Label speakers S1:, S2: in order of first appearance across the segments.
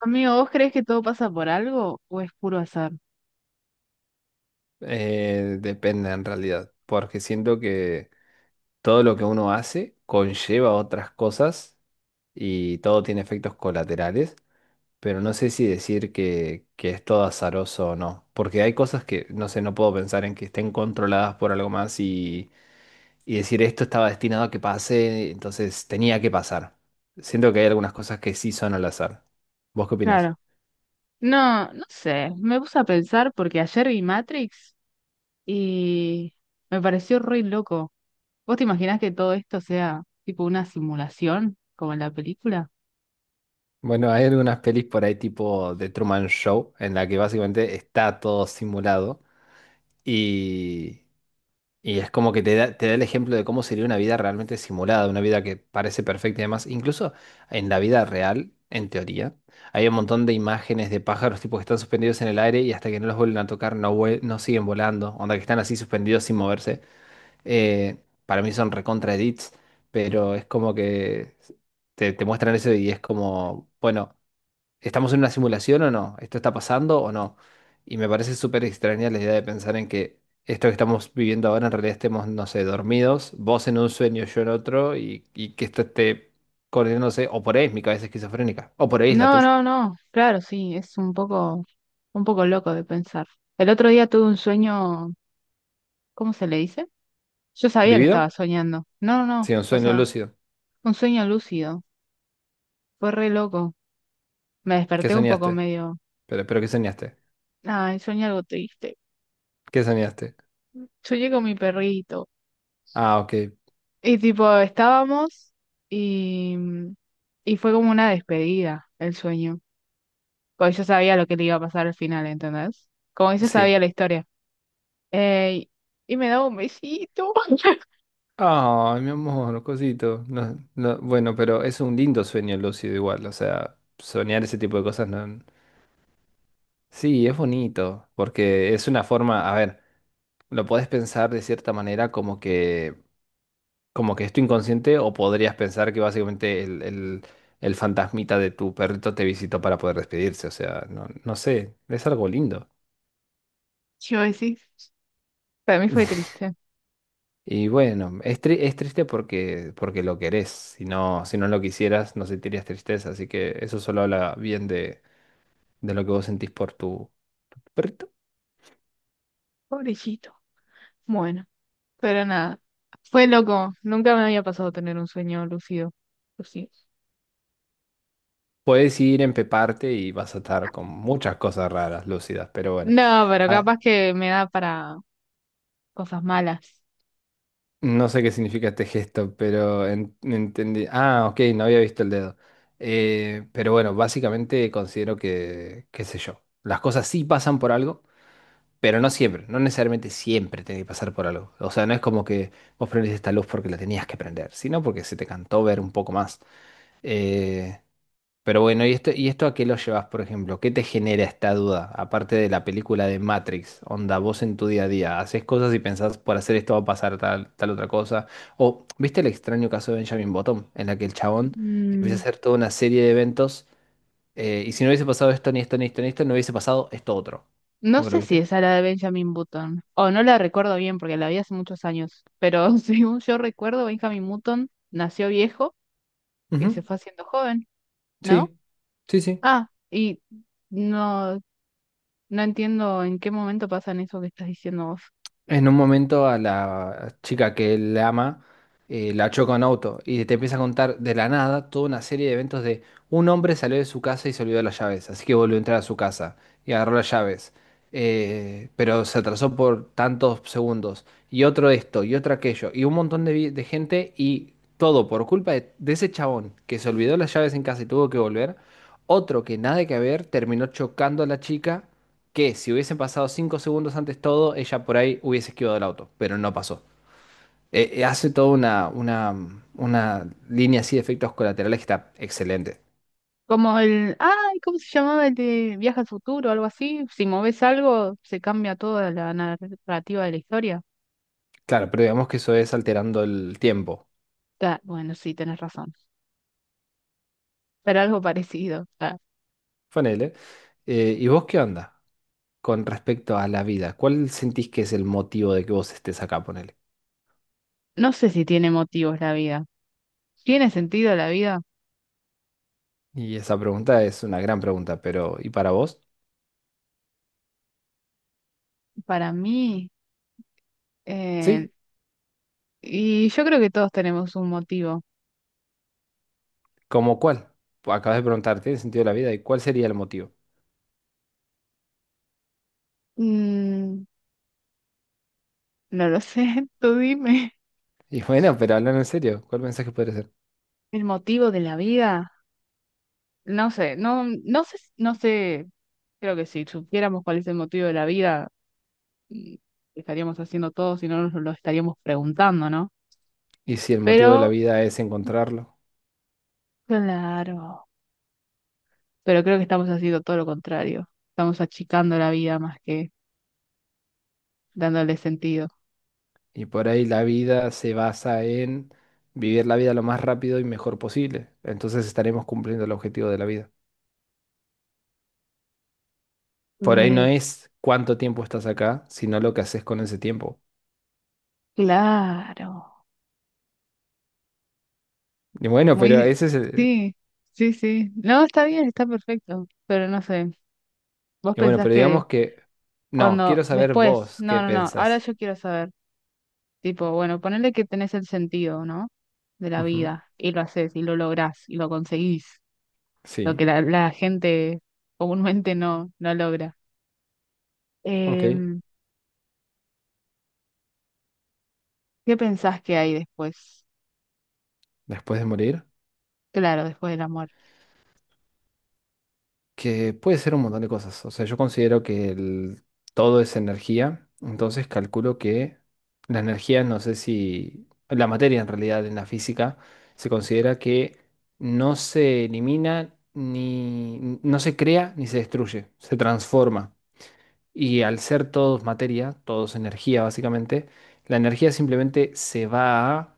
S1: Amigo, ¿vos crees que todo pasa por algo o es puro azar?
S2: Depende en realidad, porque siento que todo lo que uno hace conlleva otras cosas y todo tiene efectos colaterales, pero no sé si decir que es todo azaroso o no, porque hay cosas que, no sé, no puedo pensar en que estén controladas por algo más y decir esto estaba destinado a que pase, entonces tenía que pasar. Siento que hay algunas cosas que sí son al azar. ¿Vos qué opinás?
S1: Claro. No sé. Me puse a pensar porque ayer vi Matrix y me pareció re loco. ¿Vos te imaginás que todo esto sea tipo una simulación como en la película?
S2: Bueno, hay algunas pelis por ahí tipo The Truman Show, en la que básicamente está todo simulado y, y es como que te da el ejemplo de cómo sería una vida realmente simulada, una vida que parece perfecta y demás. Incluso en la vida real, en teoría, hay un montón de imágenes de pájaros tipo que están suspendidos en el aire y hasta que no los vuelven a tocar no, no siguen volando, onda que están así suspendidos sin moverse. Para mí son recontra edits, pero es como que te muestran eso y es como, bueno. ¿Estamos en una simulación o no? ¿Esto está pasando o no? Y me parece súper extraña la idea de pensar en que esto que estamos viviendo ahora en realidad estemos, no sé, dormidos, vos en un sueño, yo en otro, y que esto esté coordinándose, o por ahí es mi cabeza esquizofrénica, o por ahí es la
S1: No,
S2: tuya.
S1: no, no. Claro, sí, es un poco loco de pensar. El otro día tuve un sueño, ¿cómo se le dice? Yo sabía que estaba
S2: ¿Vivido?
S1: soñando. No, no, no.
S2: Sí, un
S1: O
S2: sueño
S1: sea,
S2: lúcido.
S1: un sueño lúcido. Fue re loco. Me
S2: ¿Qué
S1: desperté un poco
S2: soñaste?
S1: medio.
S2: Pero ¿qué soñaste?
S1: Ay, soñé algo triste.
S2: ¿Qué soñaste?
S1: Soñé con mi perrito.
S2: Ah, ok,
S1: Y tipo, estábamos y, y fue como una despedida el sueño. Porque yo sabía lo que le iba a pasar al final, ¿entendés? Como que yo sabía
S2: sí.
S1: la historia. Eh, y me daba un besito.
S2: Ay, mi amor, cosito. No, no, bueno, pero es un lindo sueño lúcido igual, o sea, soñar ese tipo de cosas no. Sí, es bonito, porque es una forma, a ver, lo podés pensar de cierta manera como que es tu inconsciente, o podrías pensar que básicamente el fantasmita de tu perrito te visitó para poder despedirse, o sea, no, no sé, es algo lindo.
S1: Yo decís, para mí fue triste.
S2: Y bueno, es, es triste porque, porque lo querés, si no lo quisieras no sentirías tristeza, así que eso solo habla bien de lo que vos sentís por tu perrito.
S1: Pobrecito. Bueno, pero nada. Fue loco. Nunca me había pasado tener un sueño lúcido. Lúcido.
S2: Puedes ir, empeparte y vas a estar con muchas cosas raras, lúcidas, pero bueno.
S1: No, pero
S2: Ah,
S1: capaz que me da para cosas malas.
S2: no sé qué significa este gesto, pero entendí. Ah, ok, no había visto el dedo. Pero bueno, básicamente considero que, qué sé yo, las cosas sí pasan por algo, pero no siempre, no necesariamente siempre tiene que pasar por algo. O sea, no es como que vos prendés esta luz porque la tenías que prender, sino porque se te cantó ver un poco más. Eh, Pero bueno, y esto a qué lo llevas, por ejemplo? ¿Qué te genera esta duda? Aparte de la película de Matrix, onda, vos en tu día a día, haces cosas y pensás, por hacer esto va a pasar tal otra cosa. O, ¿viste el extraño caso de Benjamin Button? En la que el chabón empieza a
S1: Mm,
S2: hacer toda una serie de eventos, y si no hubiese pasado esto, ni esto, ni esto, ni esto, no hubiese pasado esto otro.
S1: No
S2: ¿Nunca lo
S1: sé si
S2: viste?
S1: esa era de Benjamin Button, o no la recuerdo bien porque la vi hace muchos años, pero según yo recuerdo, Benjamin Button nació viejo y
S2: Ujú.
S1: se fue haciendo joven,
S2: Sí,
S1: ¿no?
S2: sí, sí.
S1: Ah, y no, no entiendo en qué momento pasan eso que estás diciendo vos.
S2: En un momento a la chica que él ama, la choca un auto y te empieza a contar de la nada toda una serie de eventos de un hombre salió de su casa y se olvidó las llaves, así que volvió a entrar a su casa y agarró las llaves, pero se atrasó por tantos segundos y otro esto y otro aquello y un montón de, de gente y todo por culpa de ese chabón que se olvidó las llaves en casa y tuvo que volver, otro que nada que ver terminó chocando a la chica que si hubiesen pasado cinco segundos antes todo, ella por ahí hubiese esquivado el auto, pero no pasó. Hace toda una línea así de efectos colaterales que está excelente.
S1: Como el, ay, ¿cómo se llamaba el de Viaje al Futuro o algo así? Si moves algo, se cambia toda la narrativa de la historia.
S2: Claro, pero digamos que eso es alterando el tiempo.
S1: Ah, bueno, sí, tenés razón, pero algo parecido. Ah,
S2: Ponele. ¿Y vos qué onda con respecto a la vida? ¿Cuál sentís que es el motivo de que vos estés acá, ponele?
S1: no sé si tiene motivos la vida. ¿Tiene sentido la vida?
S2: Y esa pregunta es una gran pregunta, pero ¿y para vos?
S1: Para mí, eh,
S2: Sí,
S1: y yo creo que todos tenemos un motivo.
S2: ¿cómo cuál? Acabas de preguntarte el sentido de la vida y cuál sería el motivo.
S1: Mm, no lo sé, tú dime.
S2: Y bueno, pero hablando en serio, ¿cuál mensaje podría ser?
S1: El motivo de la vida, no sé, no, no sé, no sé, creo que si supiéramos cuál es el motivo de la vida, mm, estaríamos haciendo todo, si no nos lo estaríamos preguntando, ¿no?
S2: Y si el motivo de la
S1: Pero,
S2: vida es encontrarlo.
S1: claro, pero creo que estamos haciendo todo lo contrario. Estamos achicando la vida más que dándole sentido.
S2: Y por ahí la vida se basa en vivir la vida lo más rápido y mejor posible. Entonces estaremos cumpliendo el objetivo de la vida. Por ahí no
S1: Me,
S2: es cuánto tiempo estás acá, sino lo que haces con ese tiempo.
S1: claro.
S2: Y bueno, pero
S1: Muy,
S2: ese es el...
S1: sí, sí, sí. No, está bien, está perfecto, pero no sé. Vos
S2: Y bueno,
S1: pensás
S2: pero
S1: que
S2: digamos que... No,
S1: cuando,
S2: quiero saber
S1: después,
S2: vos qué
S1: no, no, no, ahora
S2: pensás.
S1: yo quiero saber, tipo, bueno, ponele que tenés el sentido, ¿no? De la
S2: Ujú.
S1: vida, y lo haces, y lo lográs, y lo conseguís, lo que
S2: Sí,
S1: la gente comúnmente no, no logra.
S2: ok.
S1: Em, ¿Qué pensás que hay después?
S2: Después de morir.
S1: Claro, después de la muerte.
S2: Que puede ser un montón de cosas. O sea, yo considero que todo es energía, entonces calculo que la energía, no sé si la materia en realidad en la física se considera que no se elimina ni no se crea ni se destruye, se transforma. Y al ser todos materia, todos energía básicamente, la energía simplemente se va a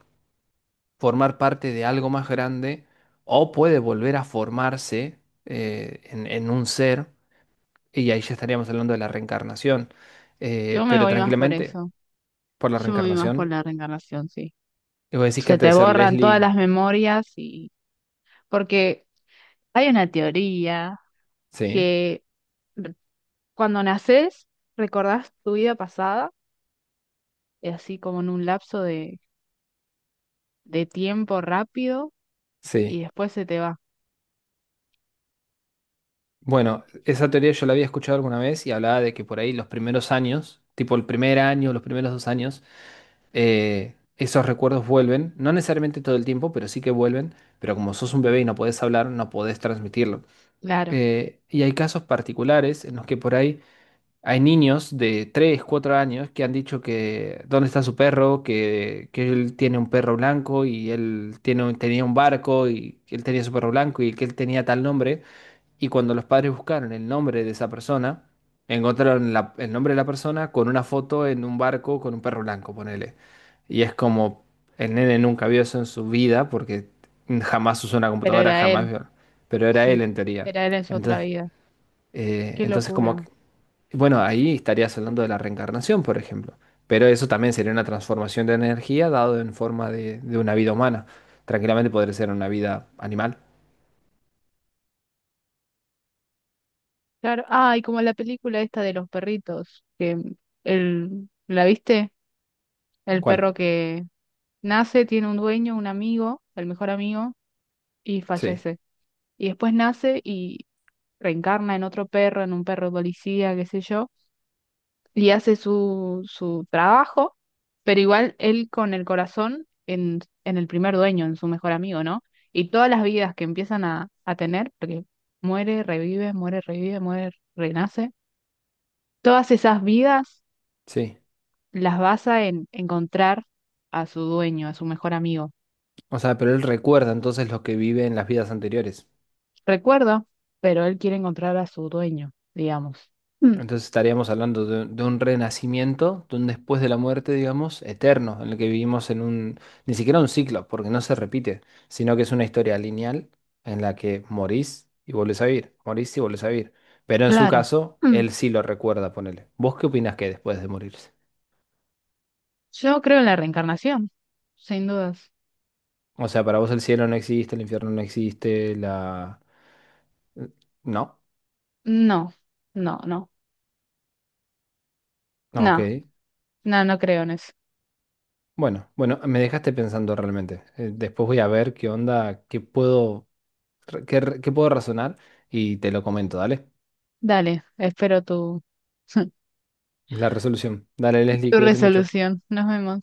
S2: formar parte de algo más grande o puede volver a formarse, en un ser. Y ahí ya estaríamos hablando de la reencarnación.
S1: Yo me
S2: Pero
S1: voy más por
S2: tranquilamente,
S1: eso,
S2: por la
S1: yo me voy más por
S2: reencarnación.
S1: la reencarnación, sí.
S2: Y vos decís que
S1: Se
S2: antes de
S1: te
S2: ser
S1: borran todas las
S2: Leslie.
S1: memorias y... Porque hay una teoría
S2: Sí,
S1: que r- cuando naces recordás tu vida pasada, y así como en un lapso de tiempo rápido, y
S2: sí.
S1: después se te va.
S2: Bueno, esa teoría yo la había escuchado alguna vez y hablaba de que por ahí los primeros años, tipo el primer año, los primeros dos años, esos recuerdos vuelven. No necesariamente todo el tiempo, pero sí que vuelven. Pero como sos un bebé y no podés hablar, no podés transmitirlo.
S1: Claro,
S2: Y hay casos particulares en los que por ahí. Hay niños de 3, 4 años que han dicho que dónde está su perro, que él tiene un perro blanco y él tiene, tenía un barco y que él tenía su perro blanco y que él tenía tal nombre. Y cuando los padres buscaron el nombre de esa persona, encontraron el nombre de la persona con una foto en un barco con un perro blanco, ponele. Y es como el nene nunca vio eso en su vida porque jamás usó una
S1: pero
S2: computadora,
S1: era
S2: jamás
S1: él,
S2: vio. Pero era él
S1: sí,
S2: en teoría.
S1: era él en su otra
S2: Entonces,
S1: vida. Qué
S2: entonces como
S1: locura.
S2: bueno, ahí estarías hablando de la reencarnación, por ejemplo. Pero eso también sería una transformación de energía dado en forma de una vida humana. Tranquilamente podría ser una vida animal.
S1: Claro, ah, y como la película esta de los perritos, que el, ¿la viste? El
S2: ¿Cuál?
S1: perro que nace, tiene un dueño, un amigo, el mejor amigo, y
S2: Sí,
S1: fallece. Y después nace, reencarna en otro perro, en un perro policía, qué sé yo, y hace su, su trabajo, pero igual él con el corazón en el primer dueño, en su mejor amigo, ¿no? Y todas las vidas que empiezan a tener, porque muere, revive, muere, revive, muere, renace, todas esas vidas
S2: sí.
S1: las basa en encontrar a su dueño, a su mejor amigo.
S2: O sea, pero él recuerda entonces lo que vive en las vidas anteriores.
S1: Recuerdo, pero él quiere encontrar a su dueño, digamos. Mm,
S2: Entonces estaríamos hablando de un renacimiento, de un después de la muerte, digamos, eterno, en el que vivimos en un, ni siquiera un ciclo, porque no se repite, sino que es una historia lineal en la que morís y volvés a vivir, morís y volvés a vivir. Pero en su
S1: claro.
S2: caso,
S1: Mm.
S2: él sí lo recuerda, ponele. ¿Vos qué opinás que hay después de morirse?
S1: Yo creo en la reencarnación, sin dudas.
S2: O sea, para vos el cielo no existe, el infierno no existe, la... No,
S1: No, no, no, no,
S2: ok.
S1: no, no creo en eso.
S2: Bueno, bueno, me dejaste pensando realmente. Después voy a ver qué onda, qué puedo qué puedo razonar y te lo comento, dale.
S1: Dale, espero tu,
S2: La resolución. Dale, Leslie,
S1: tu
S2: cuídate mucho.
S1: resolución. Nos vemos.